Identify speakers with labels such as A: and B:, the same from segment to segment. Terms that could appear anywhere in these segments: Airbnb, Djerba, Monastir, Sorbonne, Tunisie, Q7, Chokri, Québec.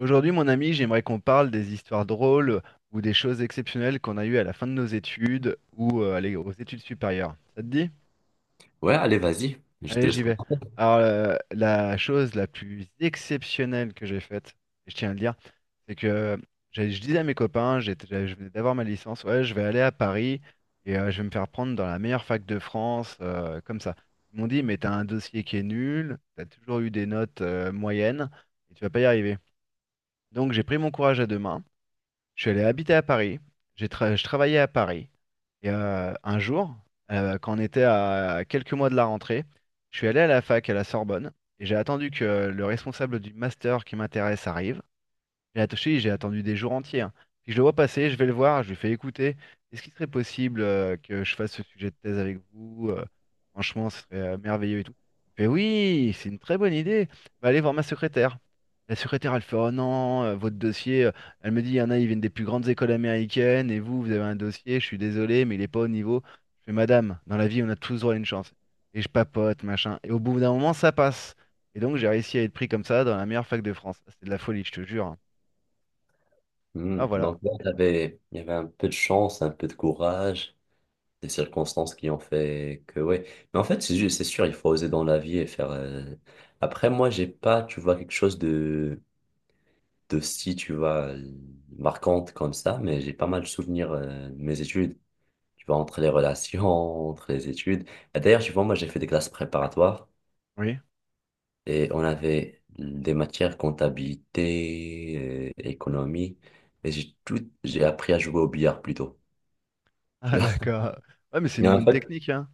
A: Aujourd'hui, mon ami, j'aimerais qu'on parle des histoires drôles ou des choses exceptionnelles qu'on a eues à la fin de nos études ou allez, aux études supérieures. Ça te dit?
B: Ouais, allez, vas-y. Je te
A: Allez,
B: laisse
A: j'y vais.
B: commencer.
A: Alors, la chose la plus exceptionnelle que j'ai faite, et je tiens à le dire, c'est que je disais à mes copains, je venais d'avoir ma licence, ouais, je vais aller à Paris et je vais me faire prendre dans la meilleure fac de France, comme ça. Ils m'ont dit, mais t'as un dossier qui est nul, t'as toujours eu des notes moyennes et tu vas pas y arriver. Donc, j'ai pris mon courage à deux mains. Je suis allé habiter à Paris. Je travaillais à Paris. Et un jour, quand on était à quelques mois de la rentrée, je suis allé à la fac à la Sorbonne et j'ai attendu que le responsable du master qui m'intéresse arrive. J'ai attaché, j'ai attendu des jours entiers, hein. Puis je le vois passer, je vais le voir, je lui fais écouter. Est-ce qu'il serait possible que je fasse ce sujet de thèse avec vous? Franchement, ce serait merveilleux et tout. Il me fait oui, c'est une très bonne idée. Bah, allez voir ma secrétaire. La secrétaire, elle fait oh non, votre dossier. Elle me dit, il y en a, ils viennent des plus grandes écoles américaines et vous, vous avez un dossier, je suis désolé, mais il n'est pas au niveau. Je fais madame, dans la vie, on a tous droit à une chance. Et je papote, machin. Et au bout d'un moment, ça passe. Et donc, j'ai réussi à être pris comme ça dans la meilleure fac de France. Ah, c'est de la folie, je te jure, hein. Ah voilà,
B: Donc là, il y avait un peu de chance, un peu de courage, des circonstances qui ont fait que, ouais. Mais en fait, c'est sûr, il faut oser dans la vie et faire. Après, moi, j'ai pas, tu vois, quelque chose de si, tu vois, marquante comme ça, mais j'ai pas mal de souvenirs de mes études. Tu vois, entre les relations, entre les études. Et d'ailleurs, tu vois, moi, j'ai fait des classes préparatoires.
A: oui.
B: Et on avait des matières comptabilité, économie, et j'ai appris à jouer au billard plutôt. Tu
A: Ah,
B: vois?
A: d'accord. Ouais, mais c'est
B: Mais
A: une
B: en
A: bonne
B: fait,
A: technique, hein.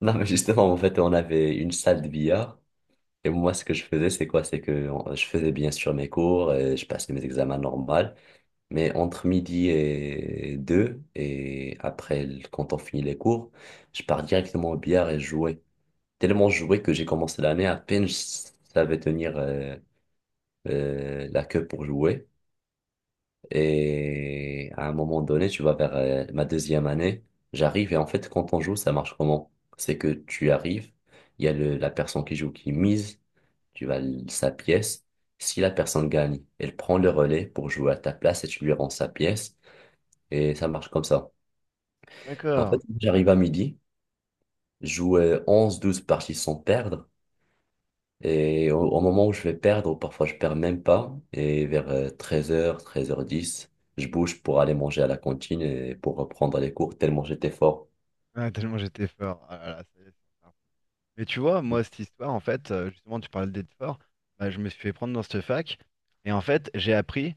B: non, mais justement, en fait, on avait une salle de billard. Et moi, ce que je faisais, c'est quoi? C'est que je faisais bien sûr mes cours, et je passais mes examens normaux, mais entre midi et deux, et après, quand on finit les cours, je pars directement au billard et jouais. Tellement joué que j'ai commencé l'année, à peine je savais tenir la queue pour jouer. Et à un moment donné, tu vas vers ma deuxième année. J'arrive et en fait, quand on joue, ça marche comment? C'est que tu arrives, il y a la personne qui joue qui mise, tu vas sa pièce. Si la personne gagne, elle prend le relais pour jouer à ta place et tu lui rends sa pièce. Et ça marche comme ça. En
A: D'accord.
B: fait, j'arrive à midi, je joue 11-12 parties sans perdre. Et au moment où je vais perdre, ou parfois je perds même pas, et vers 13 h, 13 h 10, je bouge pour aller manger à la cantine et pour reprendre les cours tellement j'étais fort.
A: Ah, tellement j'étais fort. Ah là là, ça y est, c'est fort. Mais tu vois, moi, cette histoire, en fait, justement, tu parlais d'être fort. Bah, je me suis fait prendre dans cette fac. Et en fait, j'ai appris,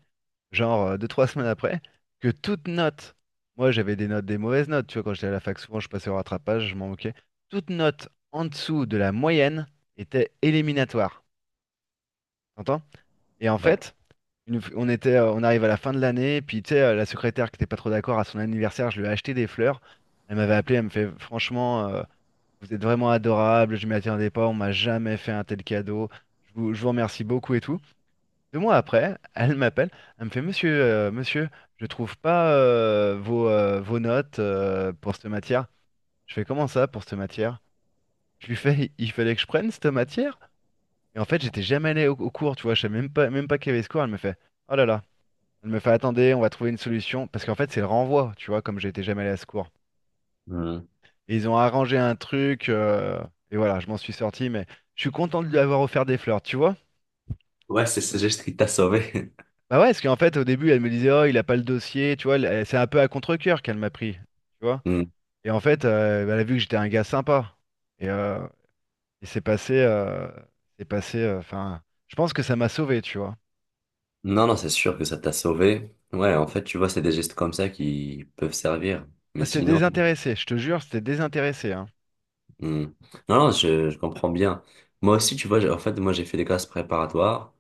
A: genre, 2, 3 semaines après, que toute note, moi, j'avais des notes, des mauvaises notes. Tu vois, quand j'étais à la fac, souvent, je passais au rattrapage, je m'en moquais. Toute note en dessous de la moyenne était éliminatoire. T'entends? Et en
B: Ouais.
A: fait, on était, on arrive à la fin de l'année, puis tu sais, la secrétaire qui n'était pas trop d'accord à son anniversaire, je lui ai acheté des fleurs. Elle m'avait appelé, elle me fait, franchement, vous êtes vraiment adorable, je m'y attendais pas, on m'a jamais fait un tel cadeau. Je vous remercie beaucoup et tout. 2 mois après, elle m'appelle, elle me fait, monsieur, je trouve pas vos notes pour cette matière. Je fais comment ça pour cette matière? Je lui fais, il fallait que je prenne cette matière? Et en fait, j'étais jamais allé au cours, tu vois, je savais même pas qu'il y avait ce cours. Elle me fait, oh là là. Elle me fait attendez, on va trouver une solution. Parce qu'en fait, c'est le renvoi, tu vois, comme j'étais jamais allé à ce cours.
B: Hmm.
A: Et ils ont arrangé un truc, et voilà, je m'en suis sorti, mais je suis content de lui avoir offert des fleurs, tu vois.
B: Ouais, c'est ce geste qui t'a sauvé.
A: Bah ouais, parce qu'en fait, au début, elle me disait, oh, il a pas le dossier, tu vois, c'est un peu à contre-cœur qu'elle m'a pris, tu vois.
B: Hmm.
A: Et en fait, bah, elle a vu que j'étais un gars sympa. Et, euh, et c'est passé, enfin, je pense que ça m'a sauvé, tu vois.
B: Non, non, c'est sûr que ça t'a sauvé. Ouais, en fait, tu vois, c'est des gestes comme ça qui peuvent servir. Mais
A: Bah, c'était
B: sinon.
A: désintéressé, je te jure, c'était désintéressé, hein.
B: hmm. Non, non, je comprends bien. Moi aussi, tu vois, en fait, moi, j'ai fait des classes préparatoires.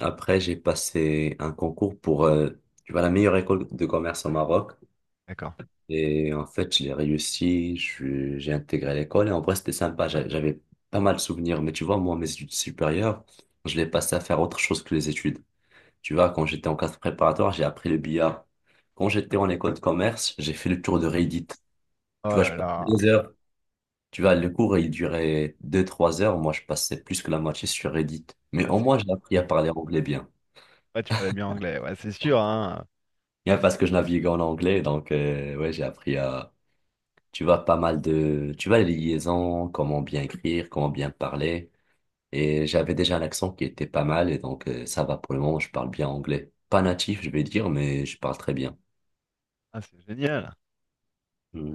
B: Après, j'ai passé un concours pour, tu vois, la meilleure école de commerce au Maroc.
A: D'accord.
B: Et en fait, je l'ai réussi, j'ai intégré l'école et en vrai, c'était sympa. J'avais pas mal de souvenirs, mais tu vois, moi, mes études supérieures, je l'ai passé à faire autre chose que les études. Tu vois, quand j'étais en classe préparatoire, j'ai appris le billard. Quand j'étais en école de commerce, j'ai fait le tour de Reddit. Tu
A: Oh
B: vois, je
A: là
B: passais
A: là,
B: 2 heures. Tu vois, le cours, il durait 2, 3 heures. Moi, je passais plus que la moitié sur Reddit. Mais
A: ah,
B: au
A: c'est
B: moins, j'ai appris
A: la
B: à parler anglais bien.
A: Ouais, tu parlais bien anglais, ouais, c'est sûr, hein.
B: Bien parce que je naviguais en anglais, donc, ouais, j'ai appris tu vois pas mal de, tu vois les liaisons, comment bien écrire, comment bien parler. Et j'avais déjà un accent qui était pas mal et donc ça va pour le moment, je parle bien anglais. Pas natif, je vais dire, mais je parle très bien.
A: Ah, c'est génial.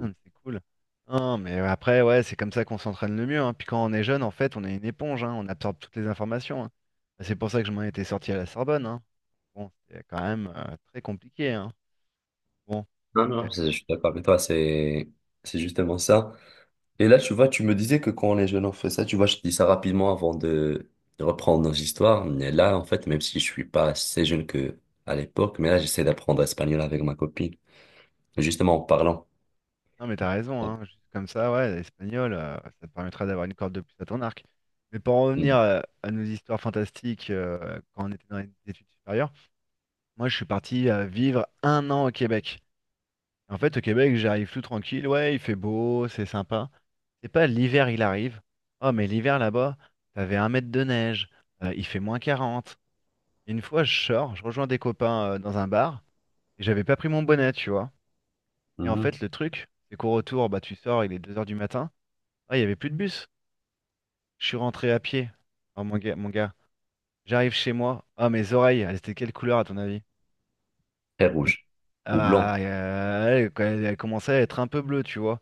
A: Ah, c'est cool. Non, mais après, ouais, c'est comme ça qu'on s'entraîne le mieux, hein. Puis quand on est jeune, en fait, on est une éponge, hein. On absorbe toutes les informations, hein. Bah, c'est pour ça que je m'en étais sorti à la Sorbonne, hein. Bon, c'était quand même très compliqué, hein. Bon,
B: Non,
A: eh,
B: non, je suis d'accord avec toi, c'est justement ça. Et là, tu vois, tu me disais que quand les jeunes ont fait ça, tu vois, je te dis ça rapidement avant de reprendre nos histoires. Mais là, en fait, même si je suis pas assez jeune que à l'époque, mais là, j'essaie d'apprendre espagnol avec ma copine, justement en parlant.
A: non, mais t'as raison, hein. Juste comme ça, ouais, l'espagnol, ça te permettra d'avoir une corde de plus à ton arc. Mais pour en revenir
B: Mhm.
A: à nos histoires fantastiques quand on était dans les études supérieures, moi, je suis parti vivre un an au Québec. En fait, au Québec, j'arrive tout tranquille. Ouais, il fait beau, c'est sympa. C'est pas l'hiver, il arrive. Oh, mais l'hiver là-bas, t'avais 1 mètre de neige, il fait -40. Et une fois, je sors, je rejoins des copains dans un bar, et j'avais pas pris mon bonnet, tu vois. Et en fait,
B: Mhm.
A: le truc, c'est qu'au retour, bah, tu sors, il est 2 h du matin. Ah, il y avait plus de bus. Je suis rentré à pied. Oh, mon gars, mon gars. J'arrive chez moi. Oh, mes oreilles, elles étaient de quelle couleur à ton avis?
B: Très rouge. Ou blanc.
A: Ah, elle, quand elle commençait à être un peu bleue, tu vois.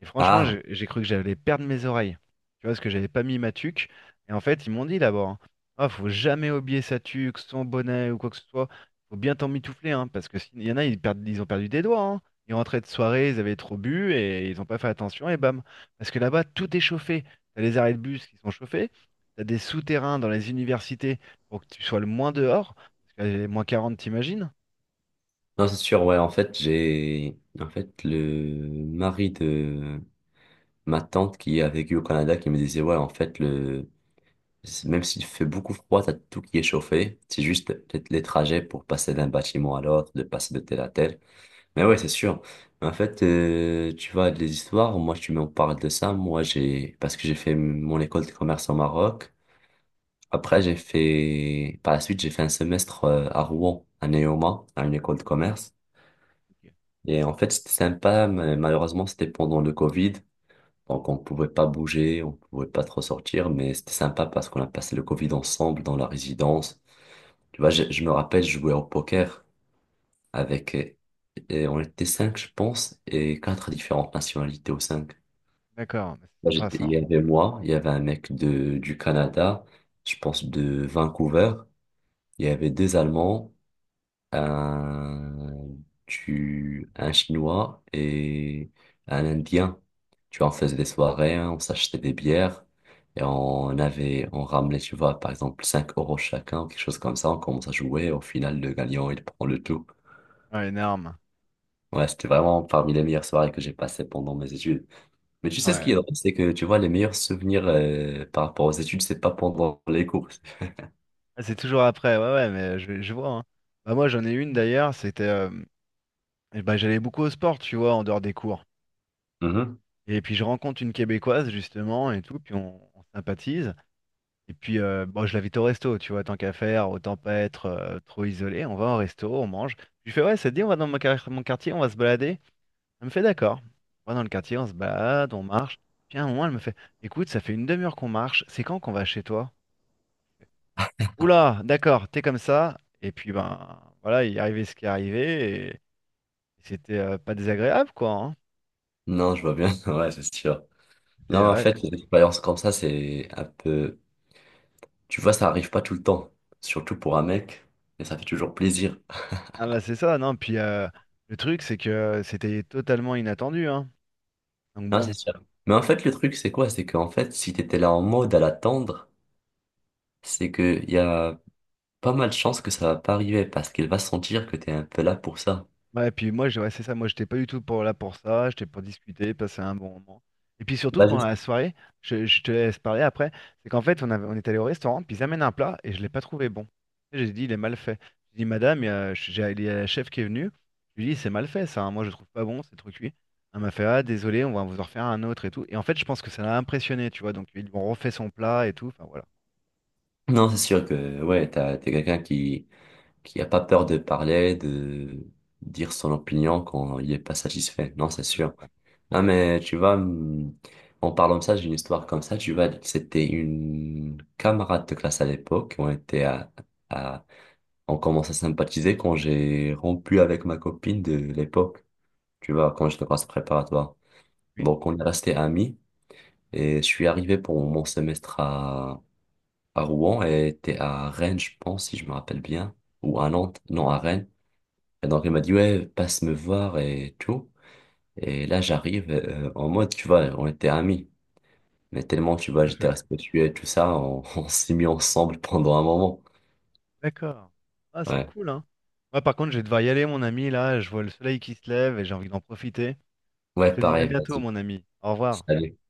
A: Et franchement,
B: Ah,
A: j'ai cru que j'allais perdre mes oreilles. Tu vois, parce que j'avais pas mis ma tuque. Et en fait, ils m'ont dit d'abord, hein, ah, faut jamais oublier sa tuque, son bonnet ou quoi que ce soit. Faut bien t'en mitoufler, hein, parce que s'il y en a, ils perdent, ils ont perdu des doigts, hein. Ils rentraient de soirée, ils avaient trop bu et ils ont pas fait attention et bam. Parce que là-bas, tout est chauffé. T'as les arrêts de bus qui sont chauffés. T'as des souterrains dans les universités pour que tu sois le moins dehors. Parce que -40, t'imagines?
B: non, c'est sûr, ouais, en fait, en fait, le mari de ma tante qui a vécu au Canada qui me disait, ouais, en fait, même s'il fait beaucoup froid, t'as tout qui est chauffé. C'est juste peut-être les trajets pour passer d'un bâtiment à l'autre, de passer de tel à tel. Mais ouais, c'est sûr. En fait, tu vois, les histoires, moi, tu m'en parles de ça. Moi, parce que j'ai fait mon école de commerce au Maroc. Après, par la suite, j'ai fait un semestre à Rouen, à Neoma, à une école de commerce. Et en fait, c'était sympa, mais malheureusement, c'était pendant le Covid. Donc, on pouvait pas bouger, on pouvait pas trop sortir, mais c'était sympa parce qu'on a passé le Covid ensemble dans la résidence. Tu vois, je me rappelle, je jouais au poker avec, et on était cinq, je pense, et quatre différentes nationalités aux cinq.
A: D'accord, mais c'est
B: Là,
A: sympa
B: Il
A: ça.
B: y avait moi, il y avait un mec du Canada, je pense de Vancouver, il y avait deux Allemands, un, un Chinois et un Indien. Tu vois, on faisait des soirées, hein, on s'achetait des bières et on ramenait, tu vois, par exemple, 5 € chacun, quelque chose comme ça. On commence à jouer. Et au final, le gagnant, il prend le tout.
A: Ouais, une arme,
B: Ouais, c'était vraiment parmi les meilleures soirées que j'ai passées pendant mes études. Mais tu sais ce qui
A: ouais.
B: est drôle, c'est que tu vois, les meilleurs souvenirs par rapport aux études, c'est pas pendant les cours.
A: Ah, c'est toujours après, ouais, ouais, mais je vois, hein. Bah, moi, j'en ai une d'ailleurs, c'était, ben, j'allais beaucoup au sport, tu vois, en dehors des cours.
B: Mhm.
A: Et puis, je rencontre une Québécoise, justement, et tout, puis on sympathise. Et puis, bon, je l'invite au resto, tu vois, tant qu'à faire, autant pas être trop isolé. On va au resto, on mange. Je lui fais, ouais, ça te dit, on va dans mon quartier, on va se balader. Elle me fait, d'accord. On va dans le quartier, on se balade, on marche. Puis, à un moment, elle me fait, écoute, ça fait une demi-heure qu'on marche, c'est quand qu'on va chez toi? Oula, d'accord, t'es comme ça. Et puis, ben, voilà, il est arrivé ce qui est arrivé. Et c'était pas désagréable, quoi, hein.
B: Non, je vois bien. Ouais, c'est sûr.
A: C'est,
B: Non, en
A: ouais.
B: fait, les expériences comme ça, c'est un peu. Tu vois, ça arrive pas tout le temps, surtout pour un mec, et ça fait toujours plaisir.
A: Ah, bah, c'est ça, non. Puis, le truc, c'est que c'était totalement inattendu, hein. Donc,
B: Non,
A: bon.
B: c'est sûr. Mais en fait, le truc, c'est quoi? C'est qu'en fait, si t'étais là en mode à l'attendre, c'est que y a pas mal de chances que ça va pas arriver, parce qu'il va sentir que t'es un peu là pour ça.
A: Ouais, et puis moi, ouais, c'est ça, moi j'étais pas du tout pour là pour ça, j'étais pour discuter, passer un bon moment. Et puis surtout
B: Bah,
A: pendant
B: juste-
A: la soirée, je te laisse parler après, c'est qu'en fait on est allé au restaurant, puis ils amènent un plat et je l'ai pas trouvé bon. Et j'ai dit il est mal fait. J'ai dit madame, il y a la chef qui est venue, je lui ai dit c'est mal fait ça, hein, moi je trouve pas bon, c'est trop cuit. Elle m'a fait ah désolé, on va vous en refaire un autre et tout. Et en fait je pense que ça l'a impressionné, tu vois, donc ils lui ont refait son plat et tout, enfin voilà.
B: Non, c'est sûr que, ouais, t'es quelqu'un qui a pas peur de parler, de dire son opinion quand il est pas satisfait. Non, c'est sûr. Non, mais tu vois, en parlant de ça, j'ai une histoire comme ça. Tu vois, c'était une camarade de classe à l'époque. On était à, on commence à sympathiser quand j'ai rompu avec ma copine de l'époque. Tu vois, quand j'étais en classe préparatoire.
A: Oui,
B: Donc, on est resté amis et je suis arrivé pour mon semestre à Rouen et était à Rennes, je pense, si je me rappelle bien. Ou à Nantes. Non, à Rennes. Donc il m'a dit, ouais, passe me voir et tout. Et là, j'arrive en mode, tu vois, on était amis. Mais tellement, tu vois,
A: tout à
B: j'étais
A: fait.
B: respectueux et tout ça, on, on s'est mis ensemble pendant un moment.
A: D'accord. Ah, c'est
B: Ouais,
A: cool, hein. Moi, par contre, je vais devoir y aller, mon ami. Là, je vois le soleil qui se lève et j'ai envie d'en profiter. Je
B: ouais,
A: te dis à
B: pareil,
A: bientôt,
B: vas-y.
A: mon ami. Au revoir.
B: Salut.